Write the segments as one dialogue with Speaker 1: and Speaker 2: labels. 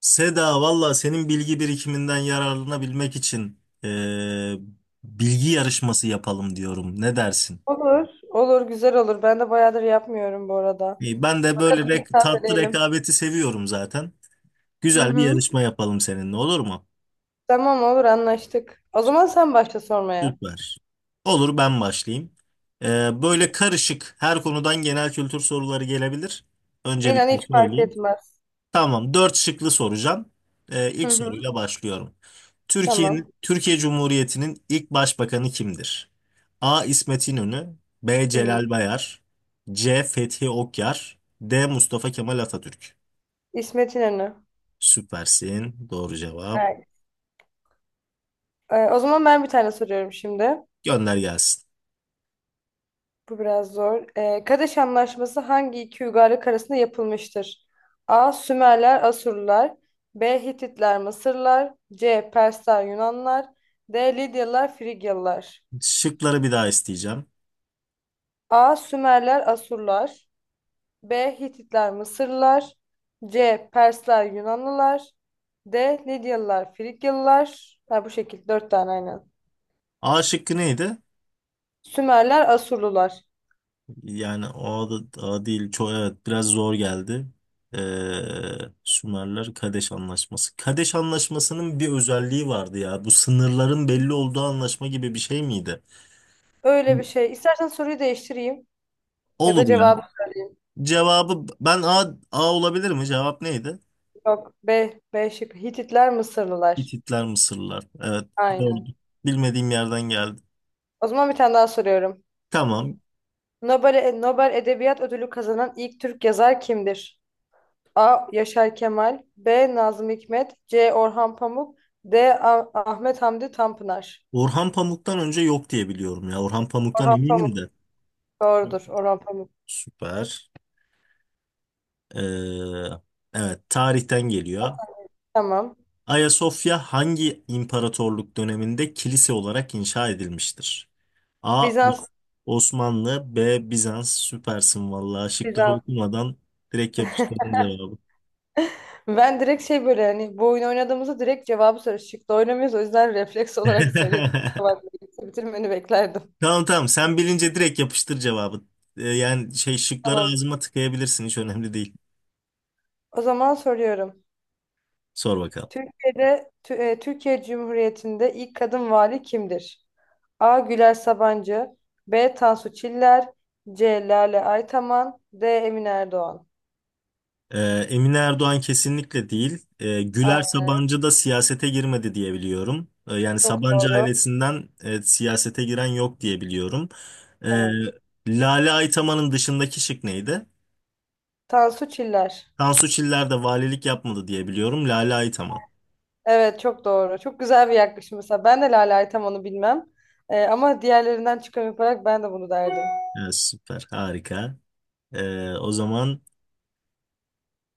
Speaker 1: Seda valla senin bilgi birikiminden yararlanabilmek için bilgi yarışması yapalım diyorum. Ne dersin?
Speaker 2: Olur, olur, güzel olur. Ben de bayağıdır yapmıyorum bu arada.
Speaker 1: İyi, ben de böyle
Speaker 2: Bakalım bir
Speaker 1: tatlı
Speaker 2: tazeleyelim.
Speaker 1: rekabeti seviyorum zaten.
Speaker 2: Hı
Speaker 1: Güzel bir
Speaker 2: hı.
Speaker 1: yarışma yapalım seninle, olur mu?
Speaker 2: Tamam, olur, anlaştık. O zaman sen başla sormaya.
Speaker 1: Süper. Olur, ben başlayayım. Böyle karışık her konudan genel kültür soruları gelebilir.
Speaker 2: İnan
Speaker 1: Öncelikle
Speaker 2: hiç fark
Speaker 1: söyleyeyim.
Speaker 2: etmez.
Speaker 1: Tamam, dört şıklı soracağım.
Speaker 2: Hı
Speaker 1: İlk
Speaker 2: hı.
Speaker 1: soruyla başlıyorum.
Speaker 2: Tamam.
Speaker 1: Türkiye Cumhuriyeti'nin ilk başbakanı kimdir? A. İsmet İnönü, B.
Speaker 2: Hı.
Speaker 1: Celal Bayar, C. Fethi Okyar, D. Mustafa Kemal Atatürk.
Speaker 2: İsmet İnönü.
Speaker 1: Süpersin. Doğru cevap.
Speaker 2: Evet. O zaman ben bir tane soruyorum şimdi.
Speaker 1: Gönder gelsin.
Speaker 2: Bu biraz zor. Kadeş Anlaşması hangi iki uygarlık arasında yapılmıştır? A. Sümerler, Asurlular. B. Hititler, Mısırlar. C. Persler, Yunanlar. D. Lidyalılar, Frigyalılar.
Speaker 1: Şıkları bir daha isteyeceğim.
Speaker 2: A. Sümerler, Asurlar. B. Hititler, Mısırlılar. C. Persler, Yunanlılar. D. Lidyalılar, Frigyalılar. Ha, bu şekil. Dört tane aynen.
Speaker 1: A şıkkı neydi?
Speaker 2: Sümerler, Asurlular.
Speaker 1: Yani o da o değil. Çok, evet, biraz zor geldi. Ee, Sümerler Kadeş Anlaşması. Kadeş Anlaşması'nın bir özelliği vardı ya. Bu sınırların belli olduğu anlaşma gibi bir şey miydi?
Speaker 2: Öyle bir şey. İstersen soruyu değiştireyim. Ya da
Speaker 1: Olur ya.
Speaker 2: cevabı söyleyeyim.
Speaker 1: Cevabı ben A, A olabilir mi? Cevap neydi?
Speaker 2: Yok. B. B şıkkı. Hititler, Mısırlılar.
Speaker 1: Hititler, Mısırlılar. Evet, doğru.
Speaker 2: Aynen.
Speaker 1: Bilmediğim yerden geldi.
Speaker 2: O zaman bir tane daha soruyorum.
Speaker 1: Tamam.
Speaker 2: Nobel, Nobel Edebiyat Ödülü kazanan ilk Türk yazar kimdir? A. Yaşar Kemal. B. Nazım Hikmet. C. Orhan Pamuk. D. Ahmet Hamdi Tanpınar.
Speaker 1: Orhan Pamuk'tan önce yok diye biliyorum ya. Orhan Pamuk'tan
Speaker 2: Orhan
Speaker 1: eminim
Speaker 2: Pamuk
Speaker 1: de.
Speaker 2: doğrudur, Orhan Pamuk.
Speaker 1: Süper. Ee, evet, tarihten geliyor.
Speaker 2: Tamam.
Speaker 1: Ayasofya hangi imparatorluk döneminde kilise olarak inşa edilmiştir? A.
Speaker 2: Bizans.
Speaker 1: Osmanlı, B. Bizans. Süpersin vallahi, şıkları
Speaker 2: Bizans.
Speaker 1: okumadan direkt yapıştırdın cevabı.
Speaker 2: Ben direkt şey, böyle hani bu oyunu oynadığımızda direkt cevabı soruyoruz, çıktı oynamıyoruz, o yüzden refleks olarak söyledim. Kusura bakma, bitirmeni beklerdim.
Speaker 1: Tamam tamam, sen bilince direkt yapıştır cevabı. Yani şıkları
Speaker 2: Tamam,
Speaker 1: ağzıma tıkayabilirsin, hiç önemli değil.
Speaker 2: o zaman soruyorum.
Speaker 1: Sor bakalım.
Speaker 2: Türkiye'de Türkiye Cumhuriyeti'nde ilk kadın vali kimdir? A. Güler Sabancı. B. Tansu Çiller. C. Lale Aytaman. D. Emine Erdoğan.
Speaker 1: Ee, Emine Erdoğan kesinlikle değil. Güler
Speaker 2: Aynen.
Speaker 1: Sabancı da siyasete girmedi diye biliyorum. Yani
Speaker 2: Çok
Speaker 1: Sabancı
Speaker 2: doğru.
Speaker 1: ailesinden siyasete giren yok diye biliyorum. Ee,
Speaker 2: Evet.
Speaker 1: Lale Aytaman'ın dışındaki şık neydi?
Speaker 2: Tansu Çiller.
Speaker 1: Tansu Çiller de valilik yapmadı diye biliyorum. Lale Aytaman.
Speaker 2: Evet, çok doğru. Çok güzel bir yaklaşım mesela. Ben de Lale Aytaman'ı bilmem. Ama diğerlerinden çıkarım yaparak ben de bunu derdim.
Speaker 1: Evet, süper, harika. O zaman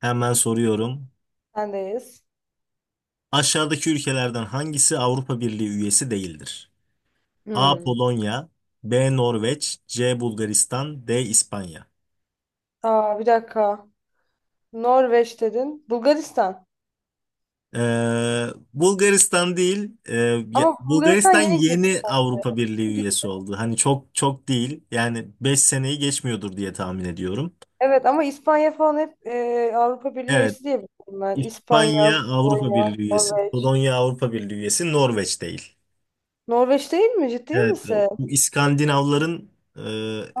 Speaker 1: hemen soruyorum.
Speaker 2: Sendeyiz.
Speaker 1: Aşağıdaki ülkelerden hangisi Avrupa Birliği üyesi değildir? A.
Speaker 2: Hmm.
Speaker 1: Polonya, B. Norveç, C. Bulgaristan, D. İspanya.
Speaker 2: Aa, bir dakika. Norveç dedin. Bulgaristan.
Speaker 1: Ee, Bulgaristan değil,
Speaker 2: Ama Bulgaristan
Speaker 1: Bulgaristan
Speaker 2: yeni girdi
Speaker 1: yeni Avrupa Birliği
Speaker 2: sanki.
Speaker 1: üyesi oldu. Hani çok çok değil, yani 5 seneyi geçmiyordur diye tahmin ediyorum.
Speaker 2: Evet, ama İspanya falan hep Avrupa Birliği
Speaker 1: Evet,
Speaker 2: üyesi diye biliyorum ben.
Speaker 1: İspanya
Speaker 2: İspanya,
Speaker 1: Avrupa
Speaker 2: Polonya,
Speaker 1: Birliği üyesi,
Speaker 2: Norveç.
Speaker 1: Polonya Avrupa Birliği üyesi, Norveç değil.
Speaker 2: Norveç değil mi? Ciddi
Speaker 1: Evet,
Speaker 2: misin?
Speaker 1: bu İskandinavların,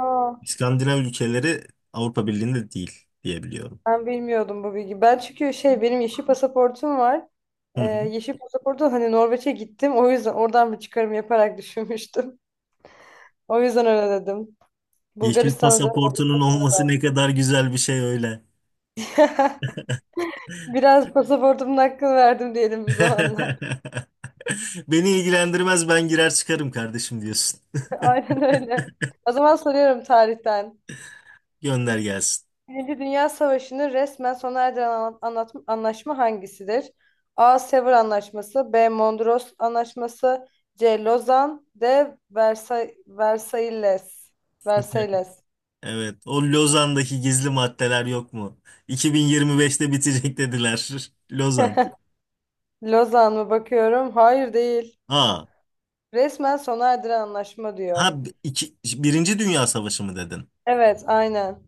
Speaker 2: Aa,
Speaker 1: İskandinav ülkeleri Avrupa Birliği'nde değil diyebiliyorum.
Speaker 2: ben bilmiyordum bu bilgi. Ben çünkü şey, benim yeşil pasaportum var.
Speaker 1: Hı hı.
Speaker 2: Yeşil pasaportu, hani Norveç'e gittim. O yüzden oradan bir çıkarım yaparak düşünmüştüm. O yüzden öyle dedim.
Speaker 1: Yeşil
Speaker 2: Bulgaristan'a da
Speaker 1: pasaportunun olması ne kadar güzel bir şey öyle.
Speaker 2: biraz pasaportumun hakkını verdim diyelim bir zamanlar.
Speaker 1: Beni ilgilendirmez, ben girer çıkarım kardeşim diyorsun.
Speaker 2: Aynen öyle. O zaman soruyorum tarihten.
Speaker 1: Gönder gelsin.
Speaker 2: Birinci Dünya Savaşı'nı resmen sona erdiren anlaşma hangisidir? A. Sevr Anlaşması. B. Mondros Anlaşması. C. Lozan. D. Versailles. Versailles.
Speaker 1: Evet, o Lozan'daki gizli maddeler yok mu? 2025'te bitecek dediler. Lozan.
Speaker 2: Lozan mı bakıyorum? Hayır, değil.
Speaker 1: Aa,
Speaker 2: Resmen sona erdiren anlaşma diyor.
Speaker 1: ha iki, Birinci Dünya Savaşı mı dedin?
Speaker 2: Evet, aynen.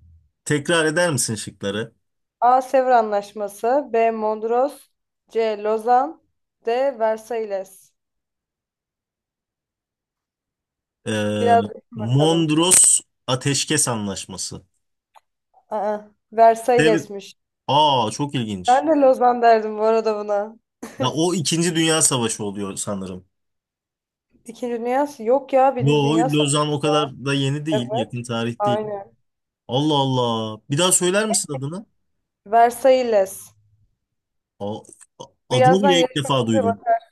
Speaker 1: Tekrar eder misin şıkları?
Speaker 2: A. Sevr Anlaşması. B. Mondros. C. Lozan. D. Versailles.
Speaker 1: Ee,
Speaker 2: Biraz düşün bakalım.
Speaker 1: Mondros Ateşkes Anlaşması.
Speaker 2: Aa,
Speaker 1: Dev,
Speaker 2: Versailles'miş.
Speaker 1: aa, çok ilginç.
Speaker 2: Ben de Lozan derdim bu arada buna.
Speaker 1: Ya o İkinci Dünya Savaşı oluyor sanırım.
Speaker 2: Yok ya, Birinci
Speaker 1: Yo,
Speaker 2: Dünya Savaşı.
Speaker 1: Lozan o kadar da yeni değil,
Speaker 2: Evet,
Speaker 1: yakın tarih değil.
Speaker 2: aynen.
Speaker 1: Allah Allah. Bir daha söyler misin adını?
Speaker 2: Versailles.
Speaker 1: Aa, adını
Speaker 2: Birazdan
Speaker 1: bile ilk
Speaker 2: yarışma
Speaker 1: defa
Speaker 2: bitince
Speaker 1: duydum.
Speaker 2: bakar.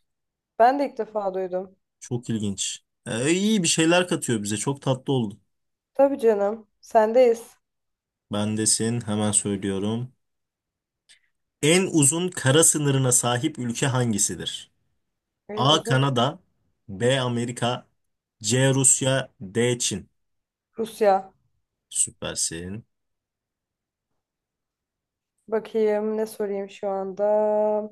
Speaker 2: Ben de ilk defa duydum.
Speaker 1: Çok ilginç. İyi bir şeyler katıyor bize. Çok tatlı oldu.
Speaker 2: Tabii canım. Sendeyiz.
Speaker 1: Bendesin. Hemen söylüyorum. En uzun kara sınırına sahip ülke hangisidir?
Speaker 2: En
Speaker 1: A.
Speaker 2: uzun kı-
Speaker 1: Kanada, B. Amerika, C. Rusya, D. Çin.
Speaker 2: Rusya.
Speaker 1: Süpersin.
Speaker 2: Bakayım ne sorayım şu anda.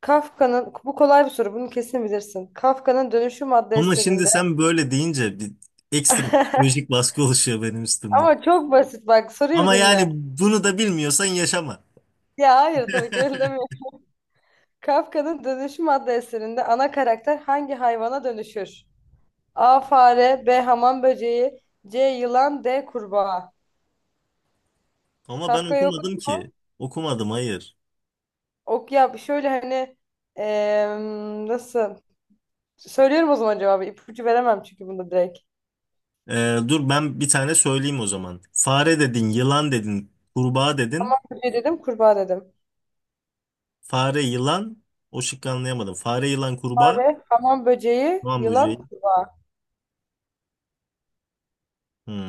Speaker 2: Bu kolay bir soru. Bunu kesin bilirsin. Kafka'nın Dönüşüm adlı
Speaker 1: Ama şimdi
Speaker 2: eserinde.
Speaker 1: sen böyle deyince bir ekstra psikolojik baskı oluşuyor benim üstümde.
Speaker 2: Ama çok basit, bak soruyu bir
Speaker 1: Ama yani
Speaker 2: dinle.
Speaker 1: bunu da bilmiyorsan yaşama.
Speaker 2: Ya hayır, tabii ki öyle demiyorum. Kafka'nın Dönüşüm adlı eserinde ana karakter hangi hayvana dönüşür? A fare, B hamam böceği, C yılan, D kurbağa.
Speaker 1: Ama ben
Speaker 2: Kafka'yı
Speaker 1: okumadım
Speaker 2: okudun
Speaker 1: ki.
Speaker 2: mu?
Speaker 1: Okumadım, hayır.
Speaker 2: Ok ya, şöyle hani, nasıl? Söylüyorum o zaman cevabı. İpucu veremem, çünkü bunu direkt.
Speaker 1: Dur ben bir tane söyleyeyim o zaman. Fare dedin, yılan dedin, kurbağa dedin.
Speaker 2: Böceği dedim, kurbağa dedim.
Speaker 1: Fare, yılan. O şıkkı anlayamadım. Fare, yılan, kurbağa.
Speaker 2: Fare, hamam böceği,
Speaker 1: Hamam
Speaker 2: yılan.
Speaker 1: böceği.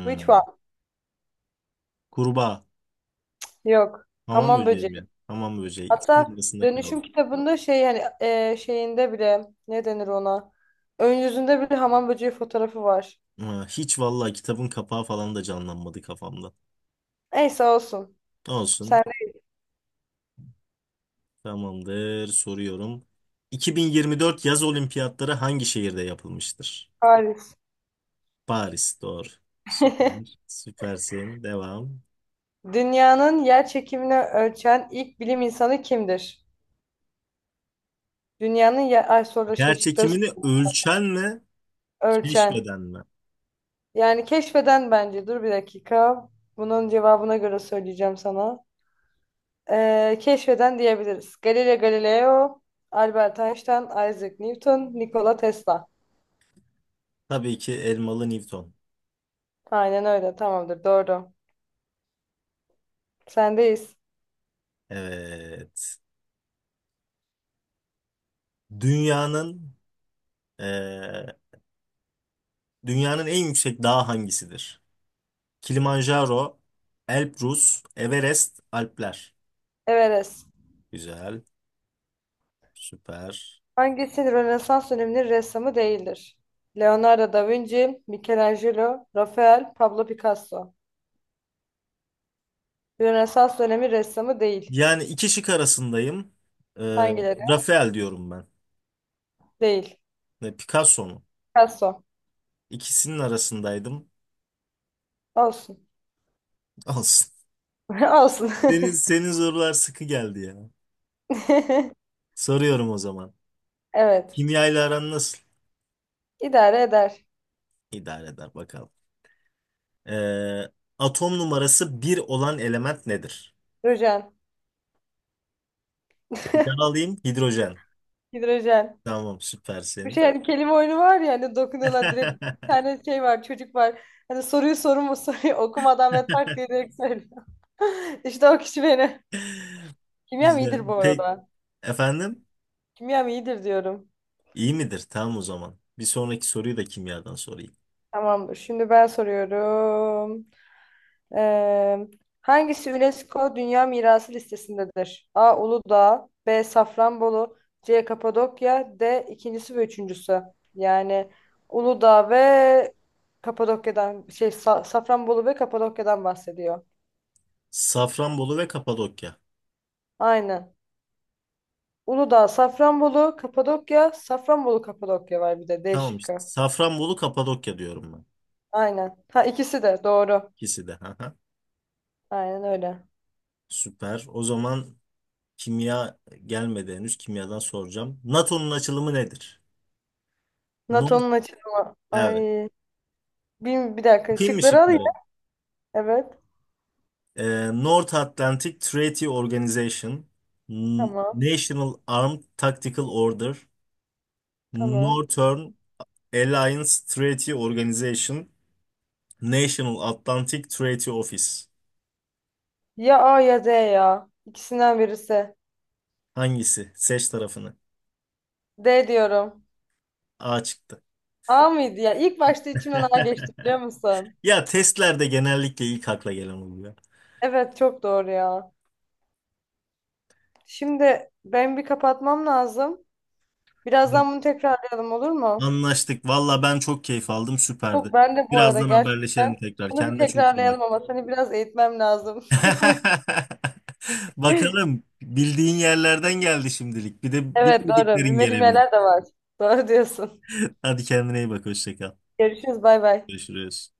Speaker 2: Which one?
Speaker 1: Kurbağa.
Speaker 2: Yok.
Speaker 1: Hamam
Speaker 2: Hamam
Speaker 1: böceği
Speaker 2: böceği.
Speaker 1: mi? Hamam böceği. İkisinin
Speaker 2: Hatta
Speaker 1: arasında
Speaker 2: dönüşüm
Speaker 1: kaldım.
Speaker 2: kitabında şey hani, şeyinde bile, ne denir ona? Ön yüzünde bile hamam böceği fotoğrafı var.
Speaker 1: Ha, hiç vallahi kitabın kapağı falan da canlanmadı kafamda.
Speaker 2: Neyse, olsun. Sen
Speaker 1: Olsun.
Speaker 2: de
Speaker 1: Tamamdır. Soruyorum. 2024 yaz olimpiyatları hangi şehirde yapılmıştır?
Speaker 2: Paris.
Speaker 1: Paris. Doğru. Süper. Süpersin. Devam.
Speaker 2: Dünyanın yer çekimini ölçen ilk bilim insanı kimdir? Dünyanın yer... Ay soru şey şıkları
Speaker 1: Gerçekimini ölçen mi,
Speaker 2: ölçen.
Speaker 1: keşfeden mi?
Speaker 2: Yani keşfeden bence. Dur bir dakika. Bunun cevabına göre söyleyeceğim sana. Keşfeden diyebiliriz. Galileo Galileo, Albert Einstein, Isaac Newton, Nikola Tesla.
Speaker 1: Tabii ki Elmalı Newton.
Speaker 2: Aynen öyle. Tamamdır. Doğru. Sendeyiz.
Speaker 1: Evet. Dünyanın eee, Dünyanın en yüksek dağı hangisidir? Kilimanjaro, Elbrus, Everest, Alpler.
Speaker 2: Everest.
Speaker 1: Güzel, süper.
Speaker 2: Hangisi Rönesans döneminin ressamı değildir? Leonardo da Vinci, Michelangelo, Rafael, Pablo Picasso. Rönesans dönemi ressamı değil.
Speaker 1: Yani iki şık arasındayım. Eee,
Speaker 2: Hangileri?
Speaker 1: Rafael diyorum ben.
Speaker 2: Değil.
Speaker 1: Ne, Picasso mu?
Speaker 2: Picasso.
Speaker 1: İkisinin arasındaydım.
Speaker 2: Olsun.
Speaker 1: Olsun.
Speaker 2: Olsun.
Speaker 1: Senin sorular sıkı geldi ya. Soruyorum o zaman.
Speaker 2: Evet.
Speaker 1: Kimyayla aran nasıl?
Speaker 2: İdare eder.
Speaker 1: İdare eder bakalım. Ee, Atom numarası bir olan element nedir?
Speaker 2: Hidrojen.
Speaker 1: Bir daha alayım. Hidrojen.
Speaker 2: Hidrojen.
Speaker 1: Tamam,
Speaker 2: Bir
Speaker 1: süpersin.
Speaker 2: şey, hani kelime oyunu var ya, hani dokunuyorlar direkt, bir tane şey var, çocuk var. Hani soruyu okumadan ve tak diye direkt söylüyor. İşte o kişi beni. Kimyam
Speaker 1: Güzel.
Speaker 2: iyidir bu
Speaker 1: Peki
Speaker 2: arada.
Speaker 1: efendim?
Speaker 2: Kimyam iyidir diyorum.
Speaker 1: İyi midir? Tamam o zaman. Bir sonraki soruyu da kimyadan sorayım.
Speaker 2: Tamamdır. Şimdi ben soruyorum. Ee, Hangisi UNESCO Dünya Mirası listesindedir? A. Uludağ, B. Safranbolu, C. Kapadokya, D. ikincisi ve üçüncüsü. Yani Uludağ ve Kapadokya'dan şey, Safranbolu ve Kapadokya'dan bahsediyor.
Speaker 1: Safranbolu ve Kapadokya.
Speaker 2: Aynen. Uludağ, Safranbolu, Kapadokya, Safranbolu, Kapadokya, var bir de D
Speaker 1: Tamam işte.
Speaker 2: şıkkı.
Speaker 1: Safranbolu, Kapadokya diyorum ben.
Speaker 2: Aynen. Ha, ikisi de doğru.
Speaker 1: İkisi de. Haha.
Speaker 2: Aynen öyle.
Speaker 1: Süper. O zaman kimya gelmedi henüz. Kimyadan soracağım. NATO'nun açılımı nedir? Nord.
Speaker 2: NATO'nun açılımı.
Speaker 1: Evet.
Speaker 2: Ay. Bir dakika,
Speaker 1: Okuyayım mı
Speaker 2: şıkları alayım.
Speaker 1: şıkları?
Speaker 2: Evet.
Speaker 1: North Atlantic Treaty Organization,
Speaker 2: Tamam.
Speaker 1: National Armed Tactical Order,
Speaker 2: Tamam.
Speaker 1: Northern Alliance Treaty Organization, National Atlantic Treaty Office.
Speaker 2: Ya A ya D ya. İkisinden birisi.
Speaker 1: Hangisi? Seç tarafını.
Speaker 2: D diyorum.
Speaker 1: A çıktı.
Speaker 2: A mıydı ya? İlk başta içimden A geçti, biliyor musun?
Speaker 1: Ya testlerde genellikle ilk akla gelen oluyor.
Speaker 2: Evet, çok doğru ya. Şimdi ben bir kapatmam lazım.
Speaker 1: Evet.
Speaker 2: Birazdan bunu tekrarlayalım, olur mu?
Speaker 1: Anlaştık. Valla ben çok keyif aldım.
Speaker 2: Yok,
Speaker 1: Süperdi.
Speaker 2: ben de bu arada
Speaker 1: Birazdan haberleşelim
Speaker 2: gerçekten
Speaker 1: tekrar.
Speaker 2: bunu bir
Speaker 1: Kendine çok iyi bak.
Speaker 2: tekrarlayalım, ama seni biraz eğitmem lazım.
Speaker 1: Bakalım, bildiğin yerlerden geldi şimdilik. Bir de
Speaker 2: Evet, doğru.
Speaker 1: bilmediklerin
Speaker 2: Bilmediğim
Speaker 1: gelebilir.
Speaker 2: yerler de var. Doğru diyorsun.
Speaker 1: Hadi kendine iyi bak. Hoşça kal.
Speaker 2: Görüşürüz, bay bay.
Speaker 1: Görüşürüz.